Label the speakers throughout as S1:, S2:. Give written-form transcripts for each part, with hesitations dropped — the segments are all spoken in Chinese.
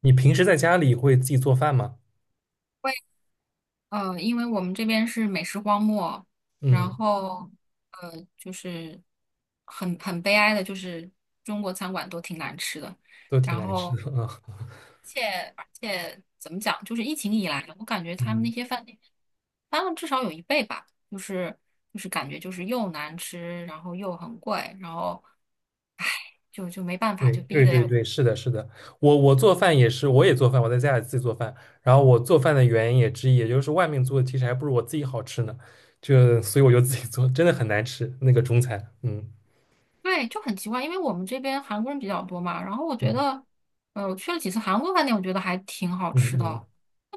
S1: 你平时在家里会自己做饭吗？
S2: 因为我们这边是美食荒漠，然
S1: 嗯，
S2: 后呃，就是很悲哀的，就是中国餐馆都挺难吃的。
S1: 都挺
S2: 然
S1: 难
S2: 后，
S1: 吃
S2: 而
S1: 的啊。
S2: 且而且怎么讲，就是疫情以来，我感觉他们那
S1: 嗯，
S2: 些饭店翻了至少有一倍吧，就是感觉就是又难吃，然后又很贵，然后唉，就没办法，
S1: 对
S2: 就逼
S1: 对
S2: 的
S1: 对
S2: 样子。
S1: 对，是的，是的。我做饭也是，我也做饭，我在家里自己做饭。然后我做饭的原因也之一，也就是外面做的其实还不如我自己好吃呢。就所以我就自己做，真的很难吃那个中餐。嗯
S2: 对，就很奇怪，因为我们这边韩国人比较多嘛，然后我觉
S1: 嗯
S2: 得，我去了几次韩国饭店，我觉得还挺好
S1: 嗯
S2: 吃
S1: 嗯，
S2: 的，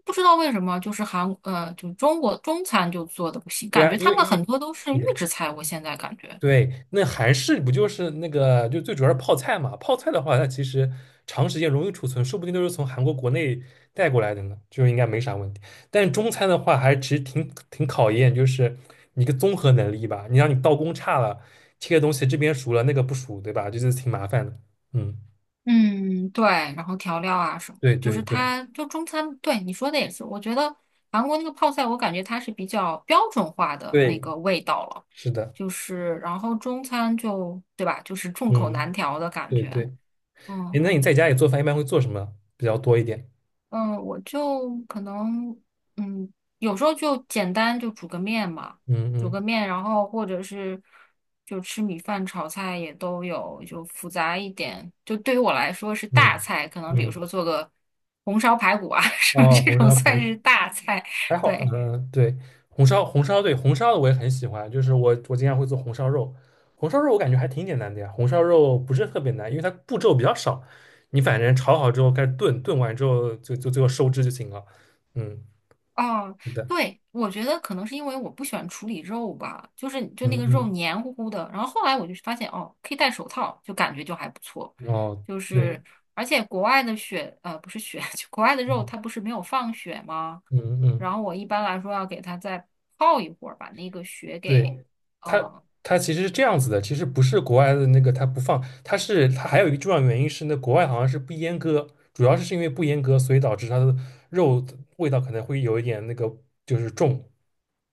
S2: 不知道为什么，就是就中餐就做的不行，
S1: 对
S2: 感
S1: 啊，
S2: 觉
S1: 因
S2: 他
S1: 为
S2: 们
S1: 因
S2: 很
S1: 为
S2: 多都是
S1: 是
S2: 预
S1: 的。
S2: 制菜，我现在感觉，
S1: 对，那韩式不就是那个，就最主要是泡菜嘛？泡菜的话，它其实长时间容易储存，说不定都是从韩国国内带过来的呢，就应该没啥问题。但中餐的话，还其实挺考验，就是你一个综合能力吧。你让你刀工差了，切的东西这边熟了，那个不熟，对吧？就是挺麻烦的。嗯，
S2: 嗯，对，然后调料啊什么的
S1: 对
S2: 就
S1: 对
S2: 是
S1: 对
S2: 它就中餐，对你说的也是，我觉得韩国那个泡菜，我感觉它是比较标准化的那
S1: 对，
S2: 个味道了，
S1: 是的，
S2: 就是然后中餐就，对吧，就是众口难
S1: 嗯，
S2: 调的感
S1: 对
S2: 觉。
S1: 对。哎，
S2: 嗯。
S1: 那你在家里做饭一般会做什么比较多一点？
S2: 嗯，我就可能，嗯，有时候就简单就煮个面嘛，
S1: 嗯
S2: 煮
S1: 嗯
S2: 个面，然后或者是就吃米饭、炒菜也都有，就复杂一点。就对于我来说是大
S1: 嗯
S2: 菜，可能比如
S1: 嗯，
S2: 说做个红烧排骨啊 什么
S1: 啊，
S2: 这
S1: 红
S2: 种
S1: 烧排
S2: 算
S1: 骨。
S2: 是大菜。
S1: 还好，
S2: 对，
S1: 嗯，对，红烧，对红烧的我也很喜欢，就是我经常会做红烧肉，红烧肉我感觉还挺简单的呀，红烧肉不是特别难，因为它步骤比较少，你反正炒好之后开始炖，炖完之后就最后收汁就行了，嗯，
S2: 哦，
S1: 是的，
S2: 对，我觉得可能是因为我不喜欢处理肉吧，就是就那个肉
S1: 嗯
S2: 黏糊糊的。然后后来我就发现，哦，可以戴手套，就感觉就还不错。
S1: 嗯，哦，
S2: 就
S1: 对，
S2: 是而且国外的血，不是血，就国外的肉
S1: 嗯
S2: 它不是没有放血吗？
S1: 嗯嗯。
S2: 然后我一般来说要给它再泡一会儿，把那个血给，
S1: 对，它
S2: 嗯、
S1: 它其实是这样子的，其实不是国外的那个它不放，它是它还有一个重要原因是那国外好像是不阉割，主要是因为不阉割，所以导致它的肉的味道可能会有一点那个就是重。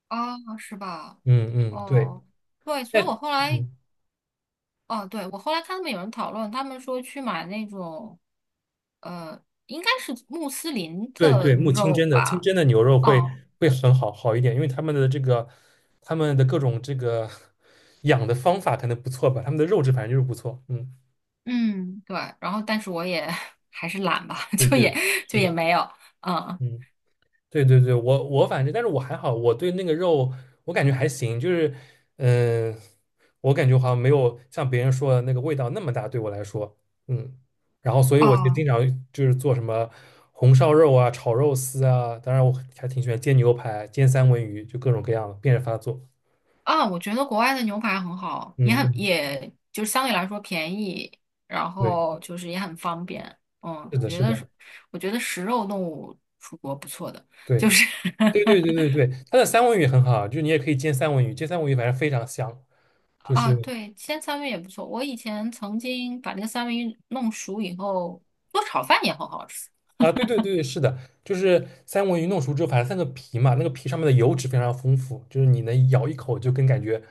S2: 啊，是吧？
S1: 嗯嗯，对，
S2: 哦，对，所
S1: 但
S2: 以我后来
S1: 嗯
S2: 哦，对，我后来看他们有人讨论，他们说去买那种，应该是穆斯林
S1: 对
S2: 的
S1: 对，木清
S2: 肉
S1: 真的清
S2: 吧。
S1: 真的牛肉会
S2: 哦，
S1: 会很好一点，因为他们的这个他们的各种这个养的方法可能不错吧，他们的肉质反正就是不错。嗯，
S2: 嗯，对，然后但是我也 还是懒吧，
S1: 对
S2: 就
S1: 对，
S2: 也就
S1: 是
S2: 也
S1: 的，
S2: 没有，嗯，
S1: 嗯。对对对，我反正，但是我还好，我对那个肉我感觉还行，就是，嗯、我感觉好像没有像别人说的那个味道那么大，对我来说，嗯，然后所以我就
S2: 哦，
S1: 经常就是做什么红烧肉啊、炒肉丝啊，当然我还挺喜欢煎牛排、煎三文鱼，就各种各样的变着法做，
S2: 啊，我觉得国外的牛排很好，
S1: 嗯嗯，
S2: 也就是相对来说便宜，然
S1: 对，
S2: 后就是也很方便，嗯，
S1: 是
S2: 我
S1: 的，
S2: 觉
S1: 是
S2: 得是，
S1: 的，
S2: 我觉得食肉动物出国不错的，
S1: 对
S2: 就是
S1: 对对对对 对，它的三文鱼也很好，就是你也可以煎三文鱼，煎三文鱼反正非常香，就
S2: 啊，
S1: 是。
S2: 对，煎三文鱼也不错。我以前曾经把那个三文鱼弄熟以后，做炒饭也很好吃
S1: 啊，对对对，是的，就是三文鱼弄熟之后，反正三个皮嘛，那个皮上面的油脂非常丰富，就是你能咬一口就跟感觉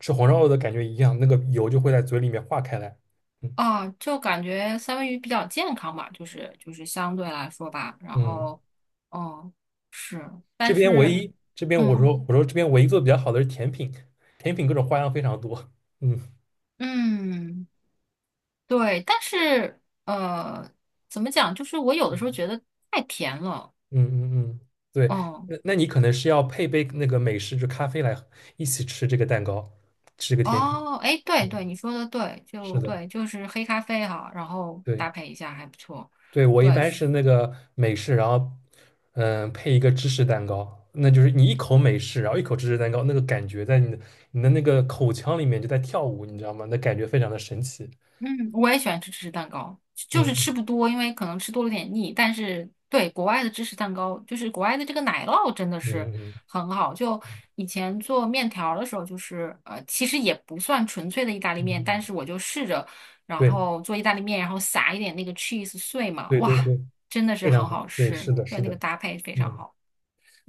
S1: 吃红烧肉的感觉一样，那个油就会在嘴里面化开来。嗯
S2: 啊，就感觉三文鱼比较健康吧，就是相对来说吧。然
S1: 嗯，
S2: 后，哦，是，
S1: 这
S2: 但
S1: 边唯
S2: 是，
S1: 一这边我
S2: 嗯
S1: 说我说这边唯一做的比较好的是甜品，甜品各种花样非常多。嗯
S2: 嗯，对，但是怎么讲？就是我有的时候觉得太甜了，
S1: 嗯嗯嗯，对，
S2: 嗯。
S1: 那你可能是要配杯那个美式就咖啡来一起吃这个蛋糕，吃这个甜品。
S2: 哦，哎，对
S1: 嗯，
S2: 对，你说的对，
S1: 是
S2: 就
S1: 的，
S2: 对，就是黑咖啡哈，然后
S1: 对。
S2: 搭配一下还不错，
S1: 对，我一
S2: 对，
S1: 般
S2: 是。
S1: 是那个美式，然后嗯配一个芝士蛋糕，那就是你一口美式，然后一口芝士蛋糕，那个感觉在你的那个口腔里面就在跳舞，你知道吗？那感觉非常的神奇。
S2: 嗯，我也喜欢吃芝士蛋糕，就是
S1: 嗯
S2: 吃不多，因为可能吃多了有点腻。但是对国外的芝士蛋糕，就是国外的这个奶酪真的是
S1: 嗯嗯
S2: 很好。就以前做面条儿的时候，就是其实也不算纯粹的意大利
S1: 嗯，
S2: 面，但
S1: 嗯
S2: 是我就试着，然
S1: 对
S2: 后做意大利面，然后撒一点那个 cheese 碎嘛，
S1: 对对
S2: 哇，
S1: 对，
S2: 真的是
S1: 非常
S2: 很好
S1: 好。对，是
S2: 吃，
S1: 的，
S2: 对，
S1: 是
S2: 那个
S1: 的，
S2: 搭配非常
S1: 嗯。
S2: 好。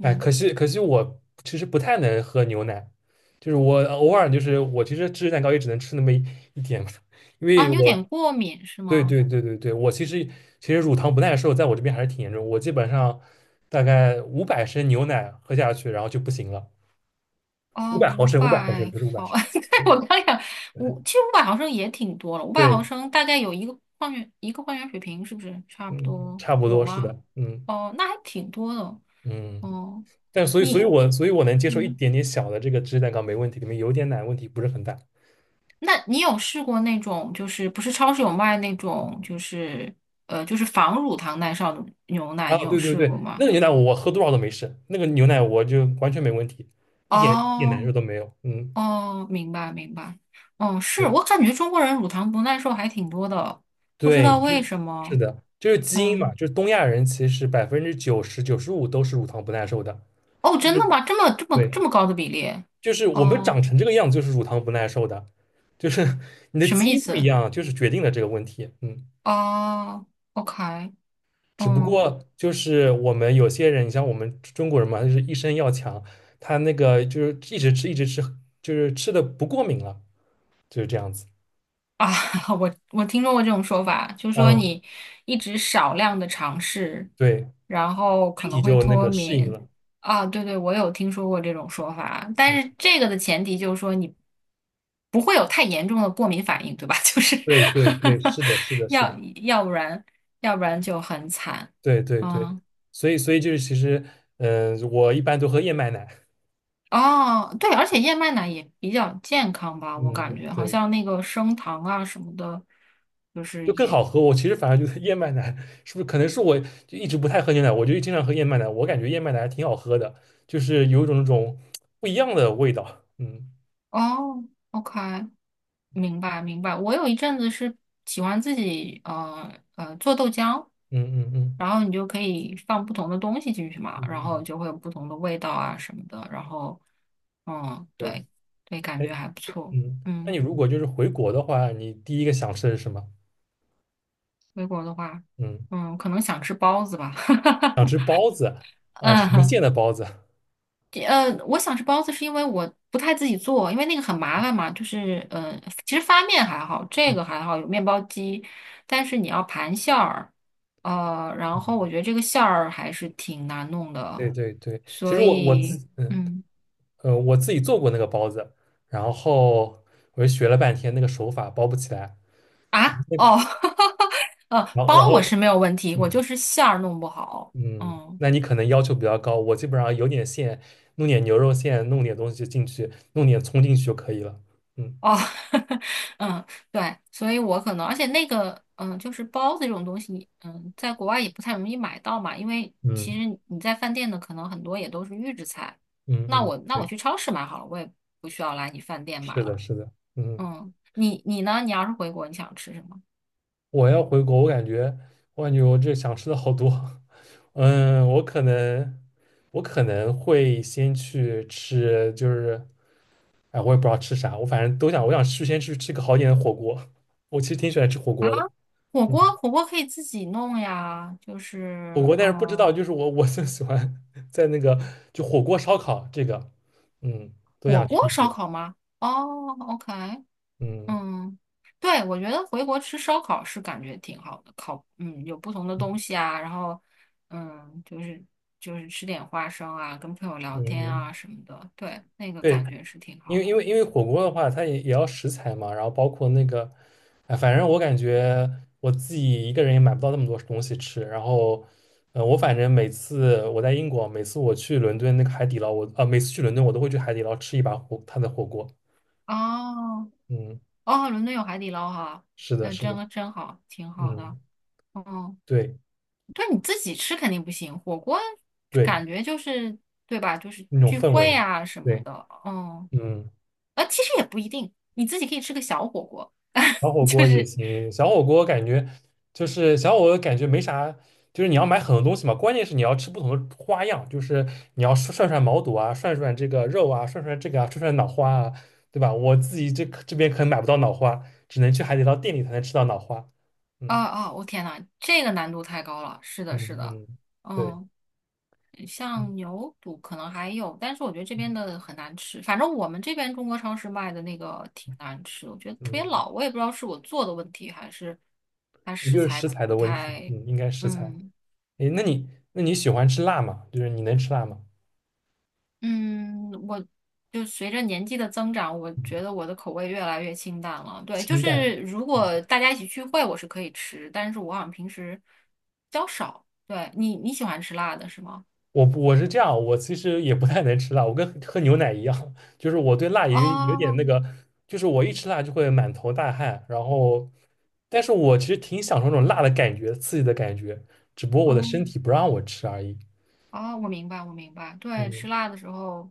S1: 哎，可惜可惜，我其实不太能喝牛奶，就是我偶尔就是我其实芝士蛋糕也只能吃那么一点嘛 因
S2: 啊，
S1: 为
S2: 你
S1: 我
S2: 有点过敏是
S1: 对
S2: 吗？
S1: 对对对对，我其实乳糖不耐受在我这边还是挺严重，我基本上大概五百升牛奶喝下去，然后就不行了，五
S2: 啊，
S1: 百毫
S2: 五
S1: 升，五百毫升
S2: 百
S1: 不是五百
S2: 毫，
S1: 升，
S2: 对，我刚想其实五百毫升也挺多了，五百毫
S1: 对，
S2: 升大概有一个矿泉水瓶，是不是差不
S1: 嗯，
S2: 多
S1: 差不
S2: 有
S1: 多是
S2: 吗？
S1: 的，嗯
S2: 哦，那还挺多的。
S1: 嗯，
S2: 哦，
S1: 但所以所以
S2: 你，
S1: 我所以我能接受一
S2: 嗯，
S1: 点点小的这个芝士蛋糕没问题，里面有点奶问题不是很大，
S2: 那你有试过那种，就是不是超市有卖那种，就是就是防乳糖耐受的牛奶，
S1: 啊，
S2: 你有
S1: 对对
S2: 试
S1: 对，
S2: 过吗？
S1: 那个牛奶我喝多少都没事，那个牛奶我就完全没问题，一点难受
S2: 哦，
S1: 都没有。嗯，
S2: 哦，明白明白。哦，是
S1: 对
S2: 我感觉中国人乳糖不耐受还挺多的，不知
S1: 对，
S2: 道为
S1: 真
S2: 什
S1: 是
S2: 么。
S1: 的，就是基因嘛，
S2: 嗯，
S1: 就是东亚人其实百分之九十九十五都是乳糖不耐受的，
S2: 哦，
S1: 就
S2: 真的
S1: 是
S2: 吗？这么这么
S1: 对，
S2: 这么高的比例？
S1: 就是我们
S2: 哦，
S1: 长成这个样子就是乳糖不耐受的，就是 你的
S2: 什么
S1: 基
S2: 意
S1: 因不一
S2: 思？
S1: 样，就是决定了这个问题。嗯，
S2: 哦，OK，
S1: 只不
S2: 嗯
S1: 过就是我们有些人，你像我们中国人嘛，他就是一身要强，他那个就是一直吃，就是吃的不过敏了，就是这样子。
S2: 啊，我听说过这种说法，就说
S1: 嗯，
S2: 你一直少量的尝试，
S1: 对，
S2: 然后可
S1: 身体
S2: 能会
S1: 就那
S2: 脱
S1: 个适应
S2: 敏。
S1: 了。
S2: 啊，对对，我有听说过这种说法，但是
S1: 嗯
S2: 这个的前提就是说你不会有太严重的过敏反应，对吧？就是
S1: 对对对，是的，是的，是的，
S2: 要要不然要不然就很惨。
S1: 对对对，
S2: 嗯。
S1: 所以就是其实，嗯、我一般都喝燕麦奶，
S2: 哦，对，而且燕麦奶也比较健康吧，我
S1: 嗯
S2: 感
S1: 嗯，
S2: 觉好
S1: 对，
S2: 像那个升糖啊什么的，就是
S1: 就更
S2: 也
S1: 好喝。我其实反而觉得燕麦奶是不是可能是我就一直不太喝牛奶，我就经常喝燕麦奶，我感觉燕麦奶还挺好喝的，就是有一种那种不一样的味道。嗯
S2: 哦，OK，明白明白。我有一阵子是喜欢自己做豆浆，
S1: 嗯嗯嗯
S2: 然后你就可以放不同的东西进去嘛，
S1: 嗯
S2: 然后
S1: 嗯，
S2: 就会有不同的味道啊什么的，然后嗯，
S1: 对，
S2: 对对，感
S1: 哎，
S2: 觉还不错。
S1: 嗯，那你
S2: 嗯，
S1: 如果就是回国的话，你第一个想吃的是什么？
S2: 回国的话，
S1: 嗯
S2: 嗯，可能想吃包子吧。
S1: 啊，什么
S2: 嗯，
S1: 馅的包子？
S2: 我想吃包子是因为我不太自己做，因为那个很麻烦嘛。就是其实发面还好，这
S1: 嗯
S2: 个还好，有面包机，但是你要盘馅儿，然
S1: 嗯。
S2: 后我觉得这个馅儿还是挺难弄的，
S1: 对对对，其实
S2: 所
S1: 我我自
S2: 以
S1: 嗯，嗯
S2: 嗯
S1: 呃我自己做过那个包子，然后我就学了半天那个手法包不起来，
S2: 啊哦，
S1: 然后然
S2: 包
S1: 后
S2: 我是没有问题，我
S1: 嗯
S2: 就是馅儿弄不好，
S1: 嗯，
S2: 嗯。
S1: 那你可能要求比较高，我基本上有点馅，弄点牛肉馅，弄点东西进去，弄点葱进去就可以了。嗯
S2: 哦，嗯，对，所以我可能，而且那个，嗯，就是包子这种东西，嗯，在国外也不太容易买到嘛，因为其
S1: 嗯
S2: 实你在饭店的可能很多也都是预制菜。
S1: 嗯嗯，
S2: 那我
S1: 对，
S2: 去超市买好了，我也不需要来你饭店买
S1: 是的
S2: 了。
S1: 是的，嗯，
S2: 嗯，你呢？你要是回国，你想吃什么？
S1: 我要回国，我感觉我这想吃的好多，嗯，我可能会先去吃就是。哎，我也不知道吃啥，我反正都想，我想去先去吃个好一点的火锅。我其实挺喜欢吃火锅的，
S2: 火锅，
S1: 嗯，
S2: 火锅可以自己弄呀，就
S1: 火
S2: 是，
S1: 锅，但是不知
S2: 嗯，
S1: 道，就是我最喜欢 在那个就火锅烧烤这个，嗯，都
S2: 火
S1: 想吃
S2: 锅
S1: 一
S2: 烧
S1: 遍，
S2: 烤吗？哦，OK，
S1: 嗯
S2: 嗯，对，我觉得回国吃烧烤是感觉挺好的，烤，嗯，有不同的东
S1: 嗯
S2: 西啊，然后，嗯，就是吃点花生啊，跟朋友聊
S1: 嗯。
S2: 天啊
S1: 嗯
S2: 什么的，对，那个
S1: 对，
S2: 感觉是挺
S1: 因
S2: 好
S1: 为
S2: 的。
S1: 因为因为火锅的话，它也要食材嘛，然后包括那个，哎，反正我感觉我自己一个人也买不到那么多东西吃。然后，我反正每次我在英国，每次我去伦敦那个海底捞，我啊、每次去伦敦我都会去海底捞吃一把火，它的火锅。
S2: 哦，
S1: 嗯，
S2: 哦，伦敦有海底捞哈，
S1: 是的，
S2: 那
S1: 是的，
S2: 真好，挺好的。
S1: 嗯，
S2: 哦，
S1: 对
S2: 对，你自己吃肯定不行，火锅
S1: 对，
S2: 感觉就是，对吧？就是
S1: 那种
S2: 聚
S1: 氛围，
S2: 会啊什么
S1: 对，
S2: 的，嗯，
S1: 嗯。
S2: 其实也不一定，你自己可以吃个小火锅。
S1: 小 火
S2: 就
S1: 锅也
S2: 是
S1: 行，小火锅感觉没啥，就是你要买很多东西嘛，关键是你要吃不同的花样，就是你要涮涮毛肚啊，涮涮这个肉啊，涮涮这个啊，涮涮脑花啊，对吧？我自己这边可能买不到脑花，只能去海底捞店里才能吃到脑花。
S2: 啊
S1: 嗯
S2: 啊！我天呐，这个难度太高了。是的，
S1: 嗯
S2: 是的，
S1: 嗯，对，
S2: 嗯，
S1: 嗯，
S2: 像牛肚可能还有，但是我觉得这边的很难吃。反正我们这边中国超市卖的那个挺难吃，我觉得特别
S1: 嗯
S2: 老。我也不知道是我做的问题，还是它
S1: 也
S2: 食
S1: 就是
S2: 材
S1: 食材
S2: 不
S1: 的问题，
S2: 太……
S1: 嗯，应该食材。
S2: 嗯
S1: 诶，那你喜欢吃辣吗？就是你能吃辣吗？
S2: 嗯，我就随着年纪的增长，我
S1: 嗯，
S2: 觉得我的口味越来越清淡了。对，就
S1: 清淡。
S2: 是如
S1: 嗯。
S2: 果大家一起聚会，我是可以吃，但是我好像平时比较少。对，你喜欢吃辣的是吗？
S1: 我不我是这样，我其实也不太能吃辣，我跟喝牛奶一样，就是我对辣也有点
S2: 哦，
S1: 那个，就是我一吃辣就会满头大汗，然后，但是我其实挺享受那种辣的感觉，刺激的感觉，只不过
S2: 哦，
S1: 我的身体不让我吃而已。
S2: 哦，我明白，我明白。对，
S1: 嗯，
S2: 吃辣的时候，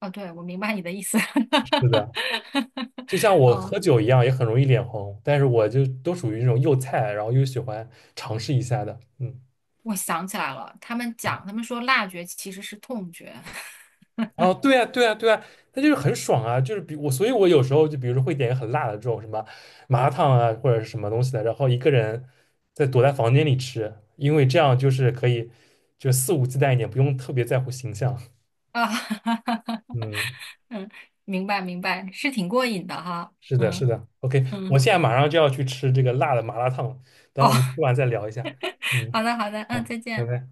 S2: 哦，对，我明白你的意思。
S1: 是的，就像我
S2: 哦，
S1: 喝酒一样，也很容易脸红，但是我就都属于那种又菜，然后又喜欢尝试一下的。嗯。
S2: 我想起来了，他们说辣觉其实是痛觉
S1: 哦，对啊，对啊，对啊，那就是很爽啊，就是比我，所以我有时候就比如说会点一个很辣的这种什么麻辣烫啊，或者是什么东西的，然后一个人在躲在房间里吃，因为这样就是可以就肆无忌惮一点，不用特别在乎形象。
S2: 啊，哈哈哈
S1: 嗯，
S2: 嗯，明白，明白，是挺过瘾的哈，
S1: 是的，是
S2: 嗯
S1: 的，OK，我
S2: 嗯，
S1: 现在马上就要去吃这个辣的麻辣烫了，等
S2: 哦，
S1: 我们吃完再聊一下。嗯，
S2: 好的，好的，嗯，
S1: 好，
S2: 再
S1: 拜
S2: 见。
S1: 拜。